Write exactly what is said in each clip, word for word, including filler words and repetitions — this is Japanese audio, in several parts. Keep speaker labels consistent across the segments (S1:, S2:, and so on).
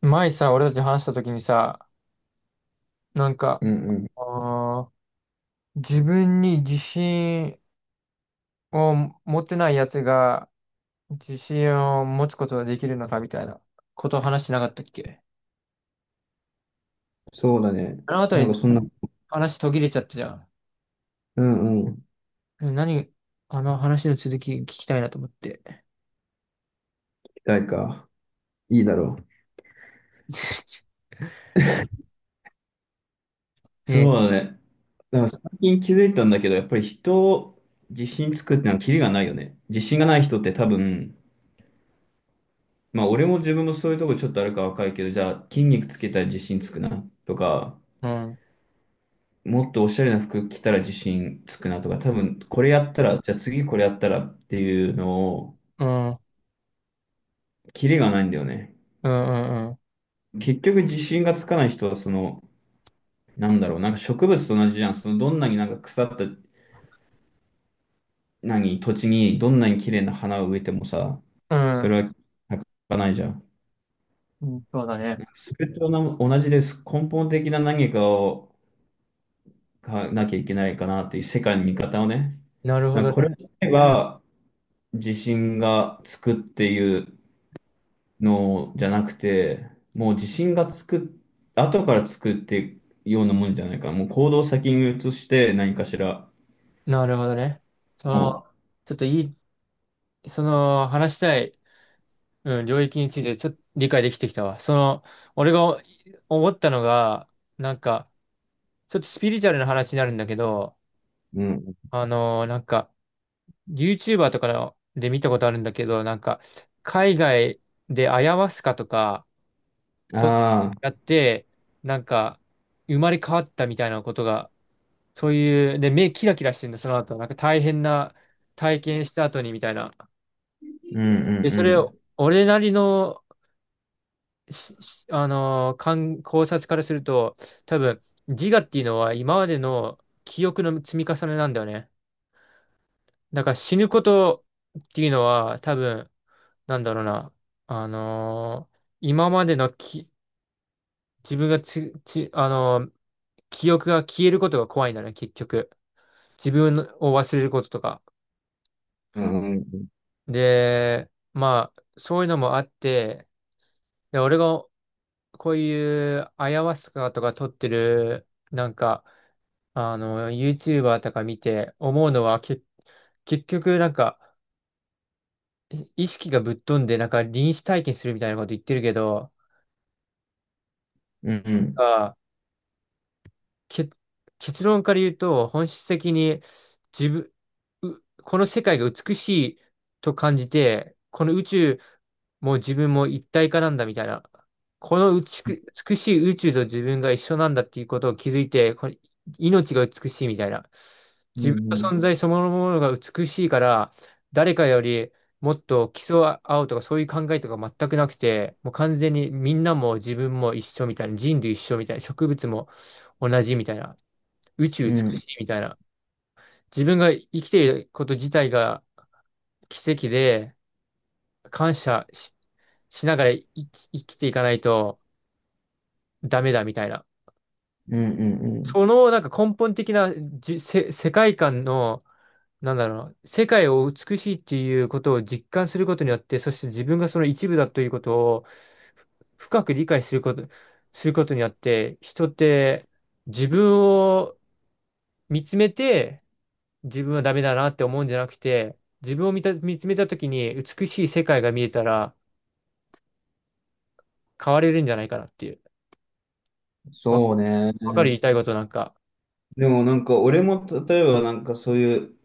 S1: 前さ、俺たち話した時にさ、なんか、
S2: うんうん。
S1: あー自分に自信を持ってないやつが自信を持つことができるのかみたいなことを話してなかったっけ。
S2: そうだね。
S1: あの後
S2: なん
S1: に
S2: かそんな、
S1: 話途切れちゃったじゃん。
S2: うんうん。
S1: え、何、あの話の続き聞きたいなと思って。
S2: 期待か。いいだろう。
S1: ね、
S2: そうだね。だから最近気づいたんだけど、やっぱり人を自信つくってのはキリがないよね。自信がない人って多分、まあ俺も自分もそういうとこちょっとあるか若いけど、じゃあ筋肉つけたら自信つくなとか、
S1: うん、
S2: もっとおしゃれな服着たら自信つくなとか、多分これやったら、じゃあ次これやったらっていうのを、
S1: うん、うん、
S2: キリがないんだよね。
S1: うん、うん、
S2: 結局自信がつかない人はそのなんだろう、なんか植物と同じじゃん。そのどんなになんか腐った何土地にどんなに綺麗な花を植えてもさ、
S1: う
S2: そ
S1: ん、
S2: れは咲かないじゃん。
S1: うん、そうだね。
S2: なんかそれとな同じです。根本的な何かをかなきゃいけないかなっていう世界の見方をね。
S1: なるほ
S2: なん
S1: ど
S2: かこれを
S1: ね。
S2: 言えば地震がつくっていうのじゃなくて、もう地震がつく、後からつくっていうようなもんじゃないかな。もう行動を先に移して何かしら、
S1: なるほどね。その、
S2: も
S1: ちょっといい、その話したい、うん、領域についてちょっと理解できてきたわ。その、俺が思ったのが、なんか、ちょっとスピリチュアルな話になるんだけど、
S2: う、うん、
S1: あのーなんか、YouTuber とかので見たことあるんだけど、なんか、海外でアヤワスカとか、と、
S2: ああ、
S1: やって、なんか、生まれ変わったみたいなことが、そういう、で、目キラキラしてるんだ、その後。なんか大変な体験した後にみたいな。
S2: う
S1: で、それを、
S2: ん
S1: 俺なりの、ししあのー、観考察からすると、多分、自我っていうのは今までの記憶の積み重ねなんだよね。だから死ぬことっていうのは、多分、なんだろうな、あのー、今までのき自分がつ、つ、あのー、記憶が消えることが怖いんだね、結局。自分を忘れることとか。
S2: うんううんん。
S1: で、まあ、そういうのもあって、で、俺がこういうアヤワスカとか取ってる、なんか、あの、YouTuber とか見て思うのは、け、結局なんか、い意識がぶっ飛んで、なんか臨死体験するみたいなこと言ってるけど、
S2: うんうん
S1: あ、け、結論から言うと、本質的に自分、うこの世界が美しいと感じて、この宇宙も自分も一体化なんだみたいな、この美しく美しい宇宙と自分が一緒なんだっていうことを気づいて、この命が美しいみたいな。
S2: う
S1: 自分の
S2: ん
S1: 存在そのものが美しいから、誰かよりもっと競い合うとかそういう考えとか全くなくて、もう完全にみんなも自分も一緒みたいな、人類一緒みたいな、植物も同じみたいな、宇宙
S2: う
S1: 美
S2: ん
S1: し
S2: うん
S1: いみたいな。自分が生きていること自体が奇跡で、感謝し、しながら生き、生きていかないとダメだみたいな。
S2: うんうんうん
S1: そのなんか根本的なじ、せ、世界観の、なんだろう、世界を美しいっていうことを実感することによって、そして自分がその一部だということをふ深く理解すること、することによって、人って自分を見つめて、自分はダメだなって思うんじゃなくて、自分を見た、見つめた時に美しい世界が見えたら変われるんじゃないかなっていう。わ、
S2: そうね。
S1: わかる、言いたいことなんか。
S2: でもなんか俺も例えばなんかそういう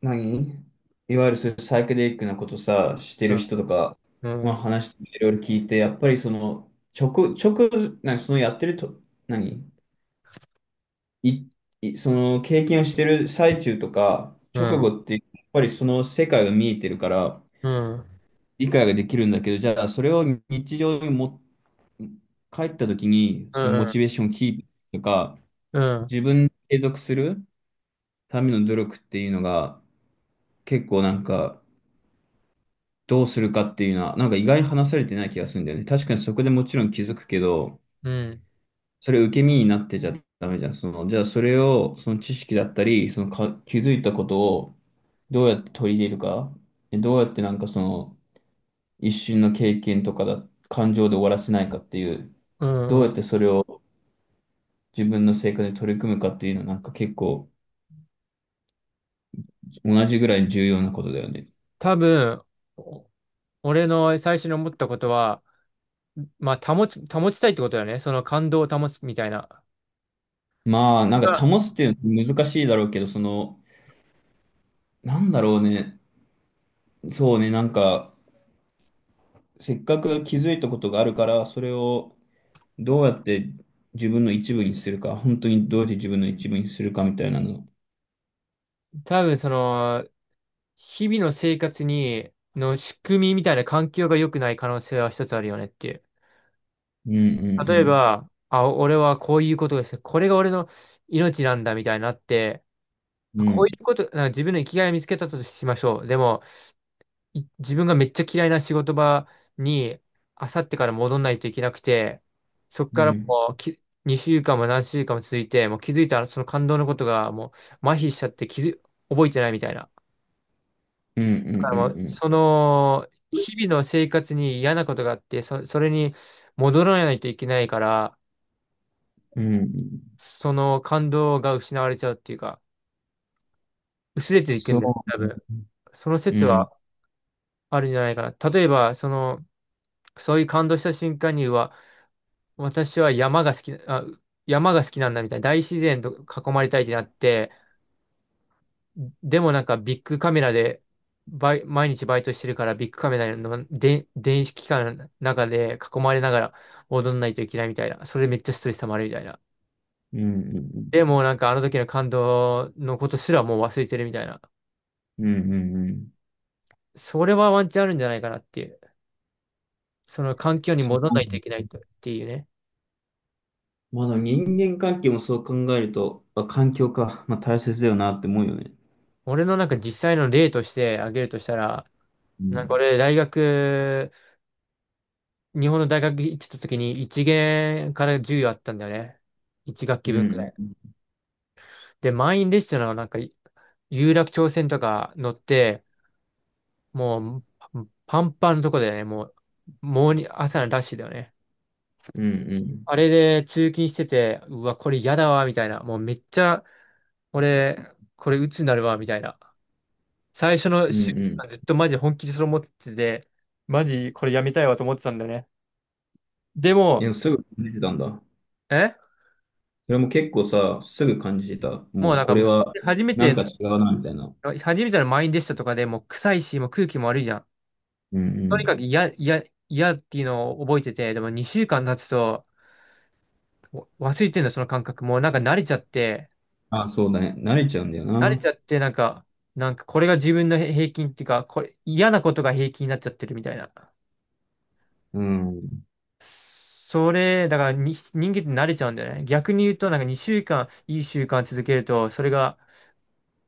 S2: 何いわゆるそういうサイケデリックなことさして
S1: う
S2: る人とか、
S1: ん、
S2: ま
S1: う
S2: あ、
S1: ん、
S2: 話していろいろ聞いてやっぱりその直、直何そのやってると何いいその経験をしてる最中とか
S1: う
S2: 直
S1: ん、
S2: 後ってやっぱりその世界が見えてるから
S1: うん、
S2: 理解ができるんだけど、じゃあそれを日常に持って帰った時に、
S1: う
S2: そのモ
S1: ん、
S2: チベーションをキープとか、
S1: うん、
S2: 自分で継続するための努力っていうのが、結構なんか、どうするかっていうのは、なんか意外に話されてない気がするんだよね。確かにそこでもちろん気づくけど、
S1: うん、
S2: それ受け身になってちゃダメじゃん。その、じゃあそれを、その知識だったり、そのか、気づいたことをどうやって取り入れるか、でどうやってなんかその、一瞬の経験とかだ、感情で終わらせないかっていう、
S1: う
S2: どうや
S1: ん。
S2: ってそれを自分の生活で取り組むかっていうのは、なんか結構、同じぐらい重要なことだよね。
S1: 多分、お俺の最初に思ったことは、まあ、保つ、保ちたいってことだよね。その感動を保つみたいな。
S2: まあ、なんか
S1: が
S2: 保つっていうのは難しいだろうけど、その、なんだろうね。そうね、なんか、せっかく気づいたことがあるから、それをどうやって自分の一部にするか、本当にどうやって自分の一部にするかみたいなの。
S1: 多分、その、日々の生活に、の仕組みみたいな環境が良くない可能性は一つあるよねっていう。
S2: うんう
S1: 例え
S2: ん
S1: ば、あ、俺はこういうことがして、これが俺の命なんだみたいになって、
S2: うん。
S1: あ
S2: う
S1: こうい
S2: ん
S1: うこと、なんか自分の生きがいを見つけたとしましょう。でも、い自分がめっちゃ嫌いな仕事場に、あさってから戻んないといけなくて、そっ
S2: う
S1: から
S2: ん
S1: もうき、にしゅうかんも何週間も続いて、もう気づいたらその感動のことがもう麻痺しちゃって気づ、覚えてないみたいな。
S2: うんう
S1: だからもう、
S2: ん
S1: その、日々の生活に嫌なことがあって、そ、それに戻らないといけないから、
S2: うんうん。うん
S1: その感動が失われちゃうっていうか、薄れていくんだよ、
S2: そ
S1: 多
S2: う。
S1: 分。その
S2: う
S1: 説
S2: ん
S1: はあるんじゃないかな。例えば、その、そういう感動した瞬間には、私は山が好き、あ、山が好きなんだみたいな、大自然と囲まれたいってなって、でもなんかビッグカメラで、バイ、毎日バイトしてるからビッグカメラので電子機関の中で囲まれながら踊んないといけないみたいな。それめっちゃストレス溜まるみたいな。
S2: うんうんうん。
S1: でもなんかあの時の感動のことすらもう忘れてるみたいな。
S2: うんうんうん。
S1: それはワンチャンあるんじゃないかなっていう。その環境に戻らないといけないとっていうね。
S2: まだ人間関係もそう考えると、あ、環境か。まあ大切だよなって思うよね。
S1: 俺のなんか実際の例として挙げるとしたら、
S2: う
S1: なんか
S2: ん。
S1: 俺大学、日本の大学行ってた時にいちげん限からじゅうあったんだよね。
S2: う
S1: いちがっき学期分くら
S2: ん。
S1: い。
S2: うん。
S1: で、満員列車のなんか有楽町線とか乗って、もうパンパンのとこだよね。もう、もうに朝のラッシュだよね。あれで通勤してて、うわ、これ嫌だわ、みたいな。もうめっちゃ、俺、これ鬱になるわ、みたいな。最初の
S2: うん。
S1: 週
S2: うん。
S1: 間ずっとマジ本気でそれ思ってて、マジこれやめたいわと思ってたんだよね。で
S2: い
S1: も、
S2: や、すぐ感じてたんだ。
S1: え
S2: それも結構さ、すぐ感じてた。
S1: もう
S2: もう
S1: なん
S2: こ
S1: か
S2: れ
S1: もう、
S2: は
S1: 初め
S2: なんか
S1: て、
S2: 違うな、みたいな。
S1: 初めての満員でしたとかでもう臭いし、もう空気も悪いじゃん。
S2: うんう
S1: とにか
S2: ん。
S1: く嫌、嫌、嫌っていうのを覚えてて、でもにしゅうかん経つとわ忘れてんだ、その感覚。もうなんか慣れちゃって、
S2: あ、そうだね。慣れちゃうんだよ
S1: 慣れち
S2: な。
S1: ゃって、なんか、なんかこれが自分の平平均っていうか、これ、嫌なことが平均になっちゃってるみたいな。
S2: うん。
S1: それ、だからに人間って慣れちゃうんだよね。逆に言うと、なんかにしゅうかん、いい習慣続けると、それが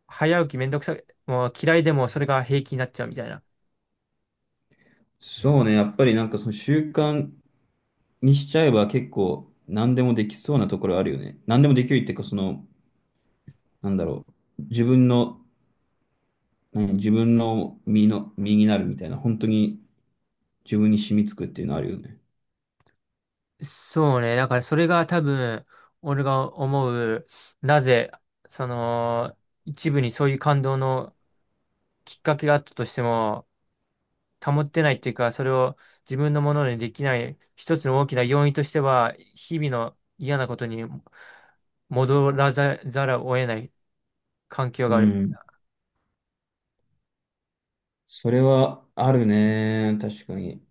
S1: 早起きめんどくさい、もう嫌いでもそれが平気になっちゃうみたいな。
S2: そうね。やっぱりなんかその習慣にしちゃえば結構何でもできそうなところあるよね。何でもできるっていうか、その、なんだろう。自分のうん自分の身の、身になるみたいな、本当に自分に染みつくっていうのあるよね。
S1: そうね。だからそれが多分、俺が思う、なぜ、その、一部にそういう感動のきっかけがあったとしても、保ってないっていうか、それを自分のものにできない、一つの大きな要因としては、日々の嫌なことに戻らざ、ざるを得ない環境が
S2: う
S1: ある。
S2: ん。それはあるね。確かに。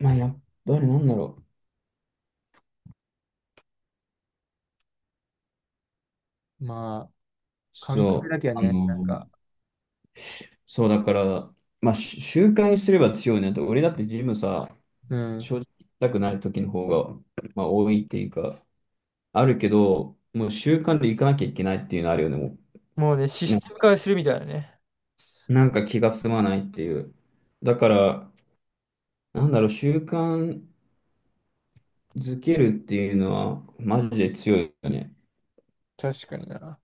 S2: まあ、やっぱりなんだろう。
S1: まあ、感覚
S2: そう。
S1: だけは
S2: あ
S1: ね、なん
S2: の、
S1: か、
S2: そうだから、まあ、し習慣にすれば強いね。だって俺だってジムさ、
S1: う
S2: 正
S1: ん。
S2: 直行きたくない時の方が、まあ、多いっていうか、あるけど、もう習慣で行かなきゃいけないっていうのあるよね。も
S1: もうね、シ
S2: うな、
S1: ステム化するみたいなね。
S2: なんか気が済まないっていう。だから、なんだろう、習慣、ズケるっていうのは、マジで強いよね。
S1: 確かにな。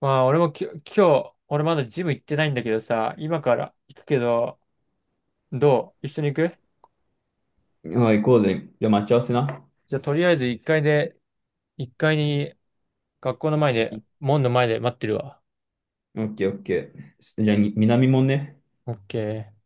S1: まあ、俺もき、今日、俺まだジム行ってないんだけどさ、今から行くけど、どう一緒に行く。
S2: はい、行こうぜ。じゃあ、待ち合わせな。
S1: じゃあ、とりあえずいっかいで、いっかいに学校の前で、
S2: オ
S1: 門の前で待ってるわ。
S2: ッケー、オッケー。じゃあ、に南もんね。
S1: オッケー。